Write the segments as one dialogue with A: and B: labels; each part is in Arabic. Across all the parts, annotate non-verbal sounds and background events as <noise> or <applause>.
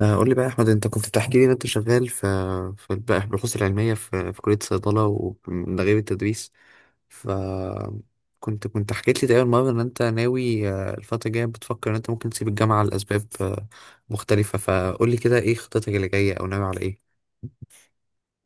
A: قول لي بقى يا احمد، انت كنت بتحكي لي ان انت شغال في في البحوث العلميه في كليه صيدله، ومن غير التدريس. ف كنت كنت حكيت لي تقريبا مره ان انت ناوي، الفتره الجايه بتفكر ان انت ممكن تسيب الجامعه لاسباب مختلفه. فقول لي كده، ايه خطتك اللي جايه او ناوي على ايه؟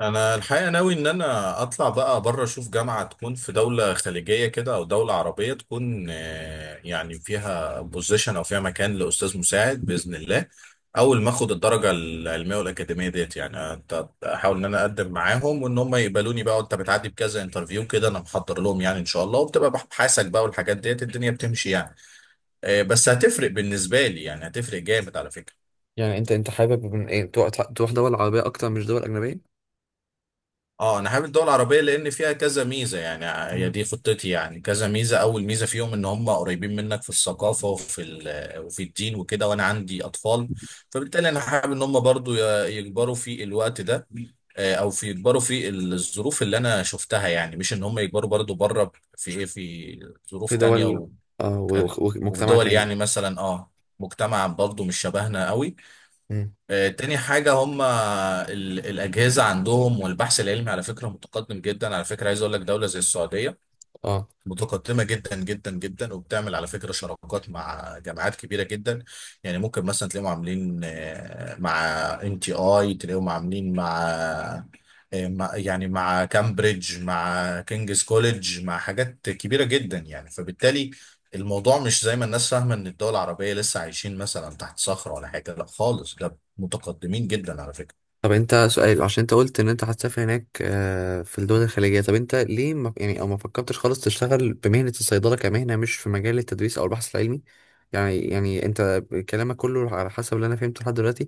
B: انا الحقيقه ناوي ان انا اطلع بقى بره اشوف جامعه تكون في دوله خليجيه كده او دوله عربيه تكون يعني فيها بوزيشن او فيها مكان لاستاذ مساعد باذن الله. اول ما اخد الدرجه العلميه والاكاديميه ديت يعني احاول ان انا اقدم معاهم وان هم يقبلوني بقى، وانت بتعدي بكذا انترفيو كده انا محضر لهم يعني ان شاء الله، وبتبقى بحثك بقى والحاجات ديت الدنيا بتمشي يعني. بس هتفرق بالنسبه لي يعني، هتفرق جامد على فكره.
A: يعني انت حابب من ايه تروح دول عربيه اكتر مش دول اجنبيه؟
B: اه انا حابب الدول العربيه لان فيها كذا ميزه يعني، هي
A: مم.
B: دي خطتي يعني. كذا ميزه، اول ميزه فيهم ان هم قريبين منك في الثقافه وفي الدين وكده، وانا عندي اطفال. فبالتالي انا حابب ان هم برضو يكبروا في الوقت ده، او في يكبروا في الظروف اللي انا شفتها، يعني مش ان هم يكبروا برضو بره في ايه، في ظروف
A: في
B: تانية،
A: دول،
B: وكان وفي
A: ومجتمع
B: دول
A: تاني.
B: يعني مثلا اه مجتمع برضو مش شبهنا قوي.
A: مم.
B: تاني حاجة هم الأجهزة عندهم والبحث العلمي على فكرة متقدم جدا. على فكرة عايز أقول لك، دولة زي السعودية
A: اه،
B: متقدمة جدا جدا جدا، وبتعمل على فكرة شراكات مع جامعات كبيرة جدا. يعني ممكن مثلا تلاقيهم عاملين مع ان تي اي، تلاقيهم عاملين مع يعني مع كامبريدج، مع كينجز كوليدج، مع حاجات كبيرة جدا يعني. فبالتالي الموضوع مش زي ما الناس فاهمة ان الدول العربية لسه عايشين مثلا تحت صخرة ولا حاجة. لا خالص، ده متقدمين جدا على فكرة.
A: طب انت سؤال، عشان انت قلت ان انت هتسافر هناك، في الدول الخليجية، طب انت ليه ما يعني او ما فكرتش خالص تشتغل بمهنة الصيدلة كمهنة، مش في مجال التدريس او البحث العلمي؟ يعني انت كلامك كله على حسب اللي انا فهمته لحد دلوقتي،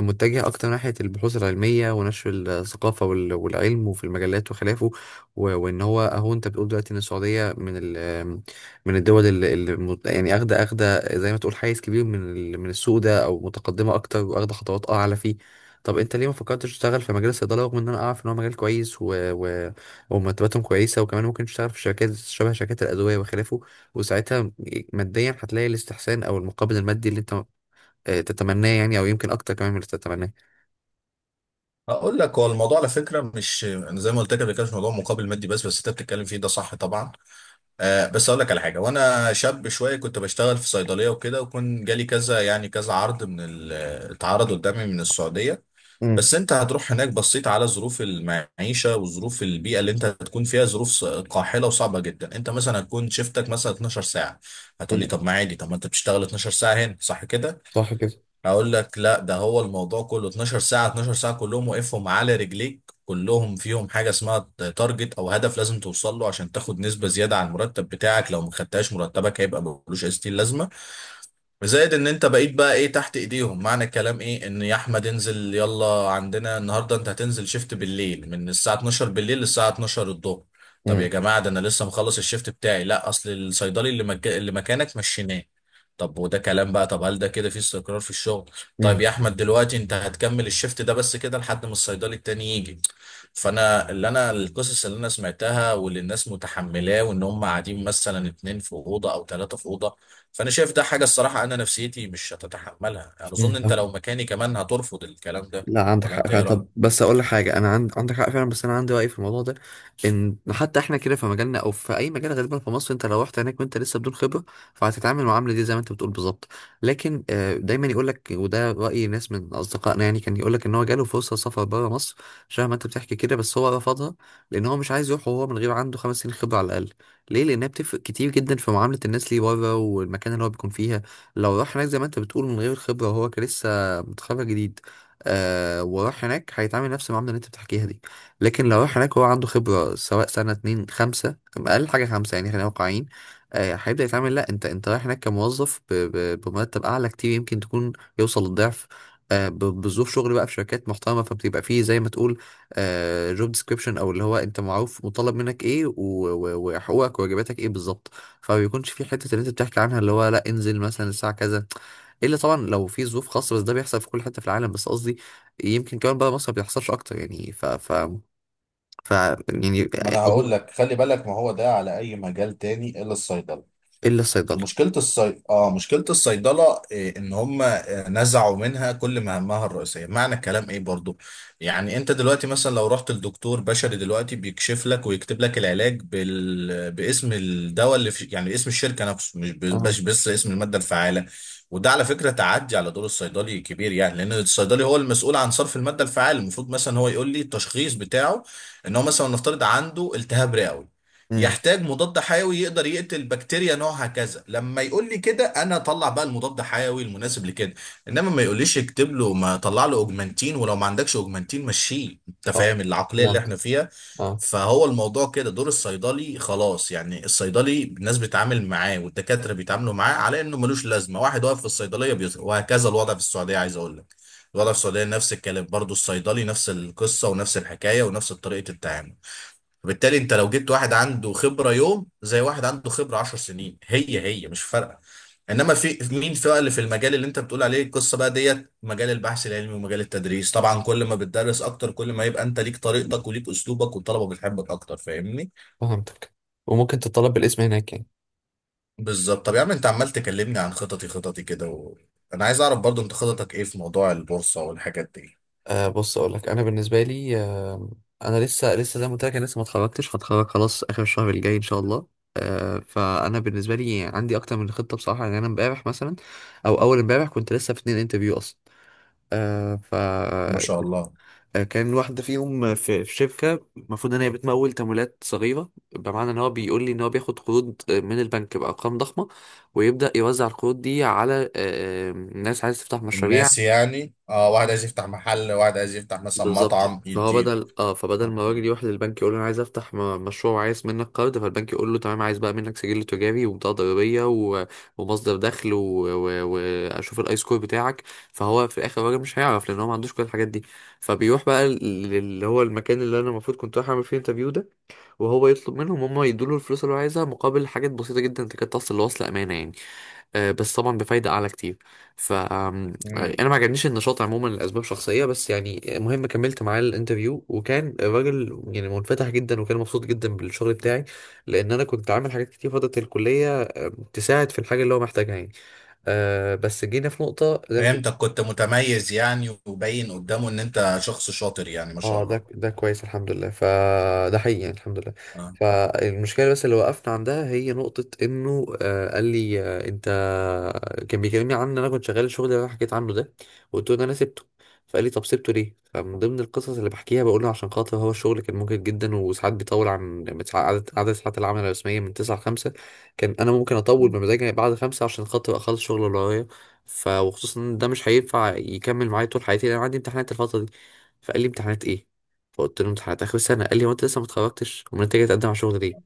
A: متجه اكتر ناحية البحوث العلمية ونشر الثقافة والعلم وفي المجلات وخلافه. وان هو اهو انت بتقول دلوقتي ان السعودية من الدول اللي يعني اخده زي ما تقول حيز كبير من السوق ده، او متقدمة اكتر واخده خطوات اعلى فيه. طب انت ليه ما فكرتش تشتغل في مجال الصيدله، رغم ان انا اعرف ان هو مجال كويس و... ومرتباتهم كويسه، وكمان ممكن تشتغل في شركات شبه شركات الادويه وخلافه، وساعتها ماديا هتلاقي الاستحسان او المقابل المادي اللي انت تتمناه يعني، او يمكن اكتر كمان من اللي تتمناه.
B: اقول لك، هو الموضوع على فكرة مش انا زي ما قلت لك قبل كده مش موضوع مقابل مادي بس انت بتتكلم فيه ده صح طبعا. آه بس اقول لك على حاجه، وانا شاب شويه كنت بشتغل في صيدليه وكده، وكان جالي كذا يعني كذا عرض اتعرض قدامي من السعوديه.
A: امم.
B: بس انت هتروح هناك، بصيت على ظروف المعيشه وظروف البيئه اللي انت هتكون فيها، ظروف قاحله وصعبه جدا. انت مثلا هتكون شيفتك مثلا 12 ساعه. هتقول لي
A: امم.
B: طب ما عادي، طب ما انت بتشتغل 12 ساعه هنا صح كده؟
A: صح كده.
B: اقول لك لا، ده هو الموضوع كله 12 ساعة، 12 ساعة كلهم واقفهم على رجليك، كلهم فيهم حاجة اسمها تارجت او هدف لازم توصل له عشان تاخد نسبة زيادة على المرتب بتاعك، لو ما خدتهاش مرتبك هيبقى ملوش اي ستين لازمة. وزائد ان انت بقيت بقى ايه، تحت ايديهم. معنى الكلام ايه؟ ان يا احمد انزل، يلا عندنا النهارده انت هتنزل شيفت بالليل من الساعه 12 بالليل للساعه 12 الظهر. طب يا
A: امم.
B: جماعه ده انا لسه مخلص الشيفت بتاعي. لا اصل الصيدلي اللي مكانك مشيناه. طب وده كلام بقى؟ طب هل ده كده في استقرار في الشغل؟ طيب يا احمد دلوقتي انت هتكمل الشيفت ده بس كده لحد ما الصيدلي التاني يجي. فانا اللي انا القصص اللي انا سمعتها واللي الناس متحملاه، وان هم قاعدين مثلا اتنين في اوضه او ثلاثه في اوضه. فانا شايف ده حاجه، الصراحه انا نفسيتي مش هتتحملها يعني، اظن انت
A: امم.
B: لو مكاني كمان هترفض الكلام ده.
A: لا، عندك
B: ولا
A: حق
B: انت
A: فعلا.
B: ايه
A: طب
B: رايك؟
A: بس اقول لك حاجه، انا عندك حق فعلا، بس انا عندي راي في الموضوع ده. ان حتى احنا كده في مجالنا او في اي مجال غالبا في مصر، انت لو رحت هناك وانت لسه بدون خبره، فهتتعامل المعامله دي زي ما انت بتقول بالظبط. لكن دايما يقول لك، وده راي ناس من اصدقائنا، يعني كان يقول لك ان هو جاله فرصه سفر بره مصر شبه ما انت بتحكي كده، بس هو رفضها، لان هو مش عايز يروح وهو من غير عنده 5 سنين خبره على الاقل. ليه؟ لانها بتفرق كتير جدا في معامله الناس ليه بره، والمكان اللي هو بيكون فيها. لو راح هناك زي ما انت بتقول من غير الخبره، وهو كان لسه متخرج جديد، وراح هناك، هيتعامل نفس المعاملة اللي انت بتحكيها دي. لكن لو راح هناك هو عنده خبرة، سواء سنة اتنين خمسة، أقل حاجة خمسة يعني، خلينا واقعيين. هيبدأ يتعامل، لا، انت رايح هناك كموظف بمرتب أعلى كتير، يمكن تكون يوصل للضعف. بظروف شغل بقى في شركات محترمة، فبتبقى فيه زي ما تقول جوب ديسكريبشن، أو اللي هو انت معروف مطالب منك ايه وحقوقك وواجباتك ايه بالظبط. فما بيكونش في حتة اللي انت بتحكي عنها، اللي هو لا انزل مثلا الساعة كذا، الا طبعا لو في ظروف خاصه، بس ده بيحصل في كل حته في العالم. بس قصدي يمكن كمان بره مصر ما بيحصلش اكتر يعني. ف ف ف يعني
B: ما انا
A: اظن،
B: هقول لك خلي بالك، ما هو ده على اي مجال تاني الا الصيدله.
A: الا الصيدله.
B: اه مشكلة الصيدلة إيه؟ ان هم نزعوا منها كل مهامها الرئيسية. معنى الكلام ايه برضو؟ يعني انت دلوقتي مثلا لو رحت لدكتور بشري دلوقتي بيكشف لك ويكتب لك العلاج باسم الدواء يعني اسم الشركة نفسه، مش ب-
A: اه.
B: بس بس اسم المادة الفعالة. وده على فكرة تعدي على دور الصيدلي كبير يعني، لان الصيدلي هو المسؤول عن صرف المادة الفعالة. المفروض مثلا هو يقول لي التشخيص بتاعه، ان هو مثلا نفترض عنده التهاب رئوي،
A: امم.
B: يحتاج مضاد حيوي يقدر يقتل بكتيريا نوعها كذا. لما يقول لي كده انا اطلع بقى المضاد حيوي المناسب لكده. انما ما يقوليش اكتب له، ما طلع له اوجمانتين، ولو ما عندكش اوجمانتين مشيه. انت
A: اه،
B: فاهم العقليه اللي
A: فهمت.
B: احنا فيها؟
A: اه،
B: فهو الموضوع كده دور الصيدلي خلاص يعني، الصيدلي الناس بتتعامل معاه والدكاتره بيتعاملوا معاه على انه ملوش لازمه، واحد واقف في الصيدليه وهكذا. الوضع في السعوديه عايز اقول لك، الوضع في السعوديه نفس الكلام برضو، الصيدلي نفس القصه ونفس الحكايه ونفس طريقه التعامل. فبالتالي انت لو جبت واحد عنده خبرة يوم زي واحد عنده خبرة 10 سنين، هي هي، مش فارقة. انما في مين في بقى اللي في المجال اللي انت بتقول عليه القصة بقى ديت، مجال البحث العلمي ومجال التدريس، طبعا كل ما بتدرس اكتر كل ما يبقى انت ليك طريقتك وليك اسلوبك والطلبة بتحبك اكتر، فاهمني؟
A: فهمتك. وممكن تطلب بالاسم هناك يعني.
B: بالظبط. طب يا عم انت عمال تكلمني عن خططي، خططي كده و... انا عايز اعرف برضو انت خططك ايه في موضوع البورصة والحاجات دي.
A: بص اقول لك، انا بالنسبه لي، انا لسه زي ما قلت لك، انا لسه ما اتخرجتش، هتخرج خلاص اخر الشهر الجاي ان شاء الله. فانا بالنسبه لي عندي اكتر من خطه بصراحه، يعني انا امبارح مثلا، او اول امبارح، كنت لسه في 2 انترفيو اصلا. آه ف
B: ما شاء الله.
A: آه، كان واحدة فيهم في شركة، المفروض إن هي بتمول تمويلات صغيرة. بمعنى إن هو بيقول لي إن هو بياخد قروض من البنك بأرقام ضخمة، ويبدأ يوزع القروض دي على ناس عايزة تفتح مشاريع.
B: الناس يعني اه، واحد عايز يفتح محل، واحد عايز يفتح مثلا
A: بالظبط،
B: مطعم
A: فهو
B: يديله.
A: بدل اه فبدل ما الراجل يروح للبنك يقول له، انا عايز افتح مشروع وعايز منك قرض، فالبنك يقول له تمام، عايز بقى منك سجل تجاري وبطاقه ضريبيه ومصدر دخل واشوف الاي سكور بتاعك. فهو في الاخر الراجل مش هيعرف، لان هو ما عندوش كل الحاجات دي، فبيروح بقى اللي هو المكان اللي انا المفروض كنت رايح اعمل فيه انترفيو ده. وهو يطلب منهم هم يدوله الفلوس اللي هو عايزها مقابل حاجات بسيطة جدا تكاد تصل لوصل أمانة يعني، بس طبعا بفايدة أعلى كتير. فأنا ما عجبنيش النشاط عموما لأسباب شخصية بس، يعني المهم كملت معاه الانترفيو، وكان الراجل يعني منفتح جدا وكان مبسوط جدا بالشغل بتاعي، لأن أنا كنت عامل حاجات كتير فترة الكلية، تساعد في الحاجة اللي هو محتاجها يعني. بس جينا في نقطة زي ما تقول.
B: فهمتك، كنت متميز يعني وباين قدامه ان انت شخص شاطر يعني، ما شاء
A: اه،
B: الله.
A: ده كويس الحمد لله، فده حقيقي يعني الحمد لله.
B: آه.
A: فالمشكله بس اللي وقفنا عندها هي نقطه انه، قال لي انت. كان بيكلمني عن ان انا كنت شغال الشغل اللي انا حكيت عنه ده، وقلت له ان انا سبته. فقال لي طب سبته ليه؟ فمن ضمن القصص اللي بحكيها بقول له، عشان خاطر هو الشغل كان ممكن جدا وساعات بيطول عن عدد ساعات العمل الرسميه من 9 ل 5، كان انا ممكن اطول بمزاجي بعد 5 عشان خاطر اخلص الشغل اللي ورايا. وخصوصا ان ده مش هينفع يكمل معايا طول حياتي، لان أنا عندي امتحانات الفتره دي. فقال لي امتحانات ايه؟ فقلت له امتحانات اخر السنه. قال لي هو انت لسه ما اتخرجتش؟ امال انت جاي تقدم على شغل ليه؟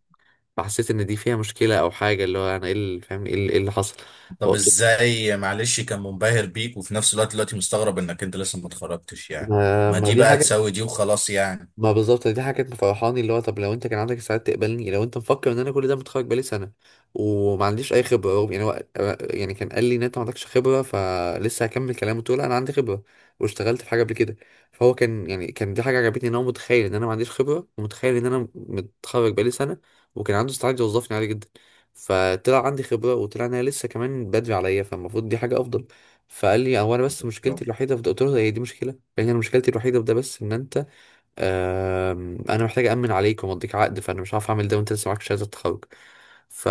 A: فحسيت ان دي فيها مشكله او حاجه، اللي هو انا ايه اللي فاهم، ايه اللي إيه اللي حصل.
B: طب
A: فقلت له
B: ازاي؟ معلش كان منبهر بيك وفي نفس الوقت دلوقتي مستغرب انك انت لسه ما اتخرجتش يعني؟
A: ما
B: ما
A: ما
B: دي
A: دي
B: بقى
A: حاجه.
B: تساوي دي وخلاص يعني.
A: ما بالظبط، دي حاجة كانت مفرحاني، اللي هو طب لو انت كان عندك استعداد تقبلني، لو انت مفكر ان انا كل ده متخرج بقالي سنة وما عنديش اي خبرة، يعني هو يعني كان قال لي ان انت ما عندكش خبرة، فلسه هكمل كلامه تقول انا عندي خبرة واشتغلت في حاجة قبل كده. فهو كان يعني كان دي حاجة عجبتني، ان هو متخيل ان انا ما عنديش خبرة ومتخيل ان انا متخرج بقالي سنة، وكان عنده استعداد يوظفني عادي جدا، فطلع عندي خبرة وطلع ان انا لسه كمان بدري عليا، فالمفروض دي حاجة افضل. فقال لي هو، انا بس مشكلتي
B: بالظبط.
A: الوحيدة في ده. قلت له هي دي مشكلة يعني، انا مشكلتي الوحيدة في ده بس ان انت، انا محتاج امن عليك ومضيك عقد، فانا مش عارف اعمل ده وانت لسه معاك شهاده التخرج. ف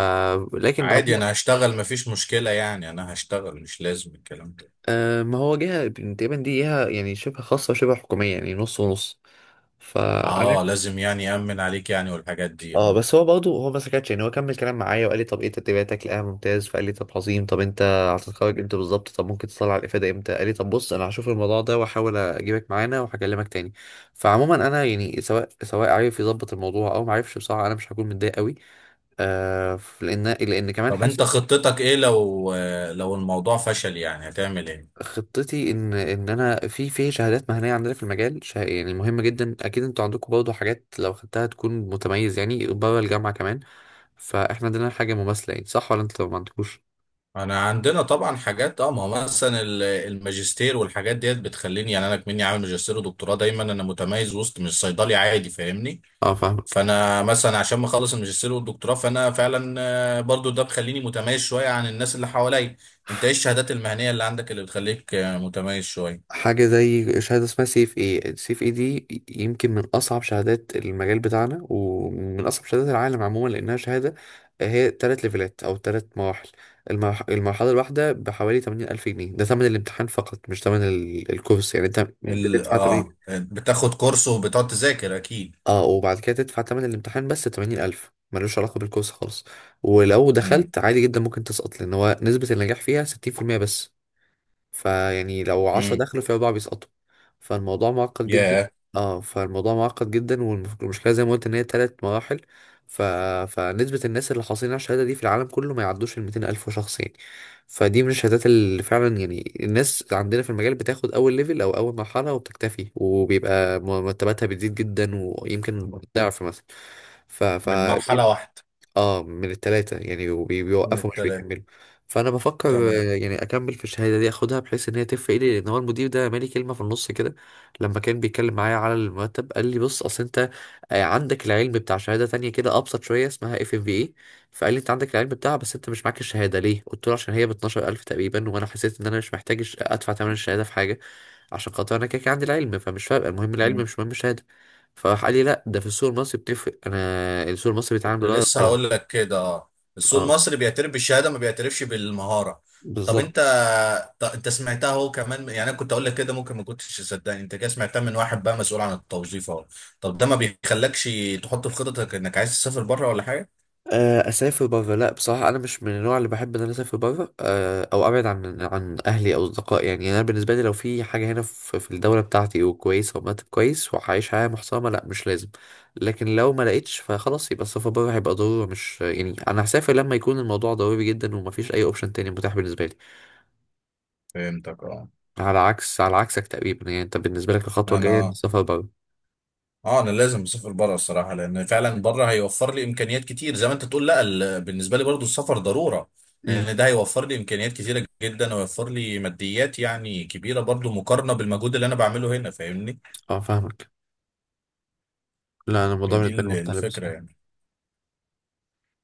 A: لكن بعدين،
B: عادي انا هشتغل، ما فيش مشكلة يعني، انا هشتغل مش لازم الكلام ده.
A: ما هو جهه، تقريبا دي جهه يعني شبه خاصه وشبه حكوميه يعني نص ونص. ف
B: اه لازم يعني يأمن عليك يعني والحاجات دي.
A: اه بس هو برضه، ما سكتش، يعني هو كمل كلام معايا وقال لي طب ايه تدريباتك، لقاها ممتاز. فقال لي طب عظيم، طب انت هتتخرج امتى بالظبط؟ طب ممكن تطلع على الافاده امتى؟ قال لي طب بص، انا هشوف الموضوع ده واحاول اجيبك معانا وهكلمك تاني. فعموما انا يعني، سواء عارف يظبط الموضوع او ما عرفش، بصراحه انا مش هكون متضايق قوي. لان كمان
B: طب انت
A: حاسس.
B: خطتك ايه لو، لو الموضوع فشل يعني هتعمل ايه؟
A: خطتي ان انا في شهادات مهنيه عندنا في المجال يعني مهمه جدا. اكيد انتوا عندكم برضه حاجات لو خدتها تكون متميز يعني بره الجامعه كمان. فاحنا عندنا حاجه مماثله يعني، صح ولا انتوا ما عندكوش؟
B: انا عندنا طبعا حاجات اه، ما هو مثلا الماجستير والحاجات ديت بتخليني يعني، انا كمني عامل ماجستير ودكتوراه دايما انا متميز وسط، مش صيدلي عادي فاهمني.
A: اه، فاهم.
B: فانا مثلا عشان ما اخلص الماجستير والدكتوراه فانا فعلا برضو ده بخليني متميز شويه عن الناس اللي حواليا. انت ايه الشهادات المهنيه اللي عندك اللي بتخليك متميز شويه؟
A: حاجة زي شهادة اسمها سي اف اي دي، يمكن من أصعب شهادات المجال بتاعنا ومن أصعب شهادات العالم عموما، لأنها شهادة هي 3 ليفلات أو 3 مراحل. المرحلة الواحدة بحوالي 80,000 ألف جنيه، ده ثمن الامتحان فقط مش ثمن الكورس، يعني أنت
B: ال
A: بتدفع تمانين.
B: اه بتاخد كورس وبتقعد تذاكر اكيد.
A: اه، وبعد كده تدفع ثمن الامتحان بس، 80,000 ألف ملوش علاقة بالكورس خالص. ولو
B: امم.
A: دخلت عادي جدا ممكن تسقط، لأن هو نسبة النجاح فيها 60% بس. فيعني لو 10
B: امم.
A: دخلوا، في أربعة بيسقطوا. فالموضوع معقد جدا.
B: ياه.
A: اه، فالموضوع معقد جدا، والمشكلة زي ما قلت إن هي 3 مراحل. ف... فنسبة الناس اللي حاصلين على الشهادة دي في العالم كله ما يعدوش 200,000 شخص يعني. فدي من الشهادات اللي فعلا يعني الناس عندنا في المجال بتاخد أول ليفل أو أول مرحلة وبتكتفي، وبيبقى مرتباتها بتزيد جدا ويمكن ضعف مثلا. ف... ف
B: من مرحله واحده.
A: اه، من التلاتة يعني،
B: من
A: بيوقفوا مش
B: التلاته.
A: بيكملوا. فانا بفكر
B: تمام.
A: يعني اكمل في الشهاده دي، اخدها بحيث ان هي تفرق لي، لان هو المدير ده مالي كلمه في النص كده. لما كان بيتكلم معايا على المرتب قال لي بص اصل انت، عندك العلم بتاع شهاده تانية كده ابسط شويه اسمها اف ام في اي. فقال لي انت عندك العلم بتاعها بس انت مش معاك الشهاده، ليه؟ قلت له عشان هي ب 12,000 تقريبا، وانا حسيت ان انا مش محتاج ادفع ثمن الشهاده في حاجه، عشان خاطر انا كده كده عندي العلم، فمش فارقه، المهم العلم مش مهم الشهاده. فراح قال لي لا، ده في السوق المصري بتفرق. انا السوق المصري بيتعامل
B: كنت
A: بالورقه
B: لسه
A: والقلم.
B: هقول لك كده اه. السوق
A: اه،
B: المصري بيعترف بالشهاده ما بيعترفش بالمهاره. طب
A: بالظبط.
B: انت، انت سمعتها هو كمان يعني، انا كنت اقول لك كده ممكن ما كنتش تصدقني، انت كده سمعتها من واحد بقى مسؤول عن التوظيف اهو. طب ده ما بيخلكش تحط في خططك انك عايز تسافر بره ولا حاجه؟
A: اسافر بره، لا بصراحه انا مش من النوع اللي بحب ان انا اسافر بره، او ابعد عن اهلي او اصدقائي، يعني انا بالنسبه لي لو في حاجه هنا في الدوله بتاعتي وكويسه، ومرتب كويس وعايش حياه محترمه، لا مش لازم. لكن لو ما لقيتش فخلاص، يبقى السفر بره هيبقى ضروره، مش يعني انا هسافر لما يكون الموضوع ضروري جدا ومفيش اي اوبشن تاني متاح بالنسبه لي،
B: فهمتك اه.
A: على عكسك تقريبا يعني. انت بالنسبه لك الخطوه الجايه
B: انا،
A: السفر بره.
B: اه انا لازم اسافر بره الصراحه، لان فعلا بره هيوفر لي امكانيات كتير. زي ما انت تقول لا، بالنسبه لي برضو السفر ضروره،
A: امم.
B: لان ده هيوفر لي امكانيات كتيره جدا ويوفر لي ماديات يعني كبيره برضو مقارنه بالمجهود اللي انا بعمله هنا، فاهمني؟
A: اه، فاهمك. لا، انا الموضوع
B: هي دي
A: بالنسبه لي مختلف
B: الفكره
A: بصراحه.
B: يعني.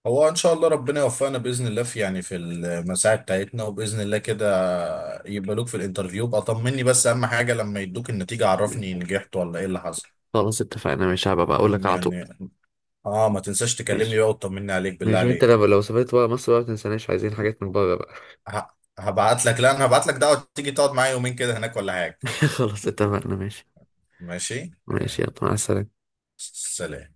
B: هو ان شاء الله ربنا يوفقنا باذن الله في يعني في المساعي بتاعتنا، وباذن الله كده يقبلوك في الانترفيو بقى. طمني بس، اهم حاجه لما يدوك النتيجه عرفني نجحت ولا ايه اللي حصل
A: خلاص، اتفقنا، ماشي. هبقى بقى اقول لك على طول.
B: يعني. اه ما تنساش تكلمني
A: ماشي.
B: بقى وتطمني عليك بالله
A: ماشي. وانت
B: عليك.
A: لو سافرت بقى، مصر بقى ما تنساناش، عايزين حاجات من بره بقى.
B: ه- هبعت لك، لا انا هبعت لك دعوة تيجي تقعد معايا يومين كده هناك ولا حاجة.
A: <laughs> خلاص، اتفقنا، ماشي.
B: ماشي
A: ماشي،
B: يعني.
A: يلا مع السلامة.
B: سلام.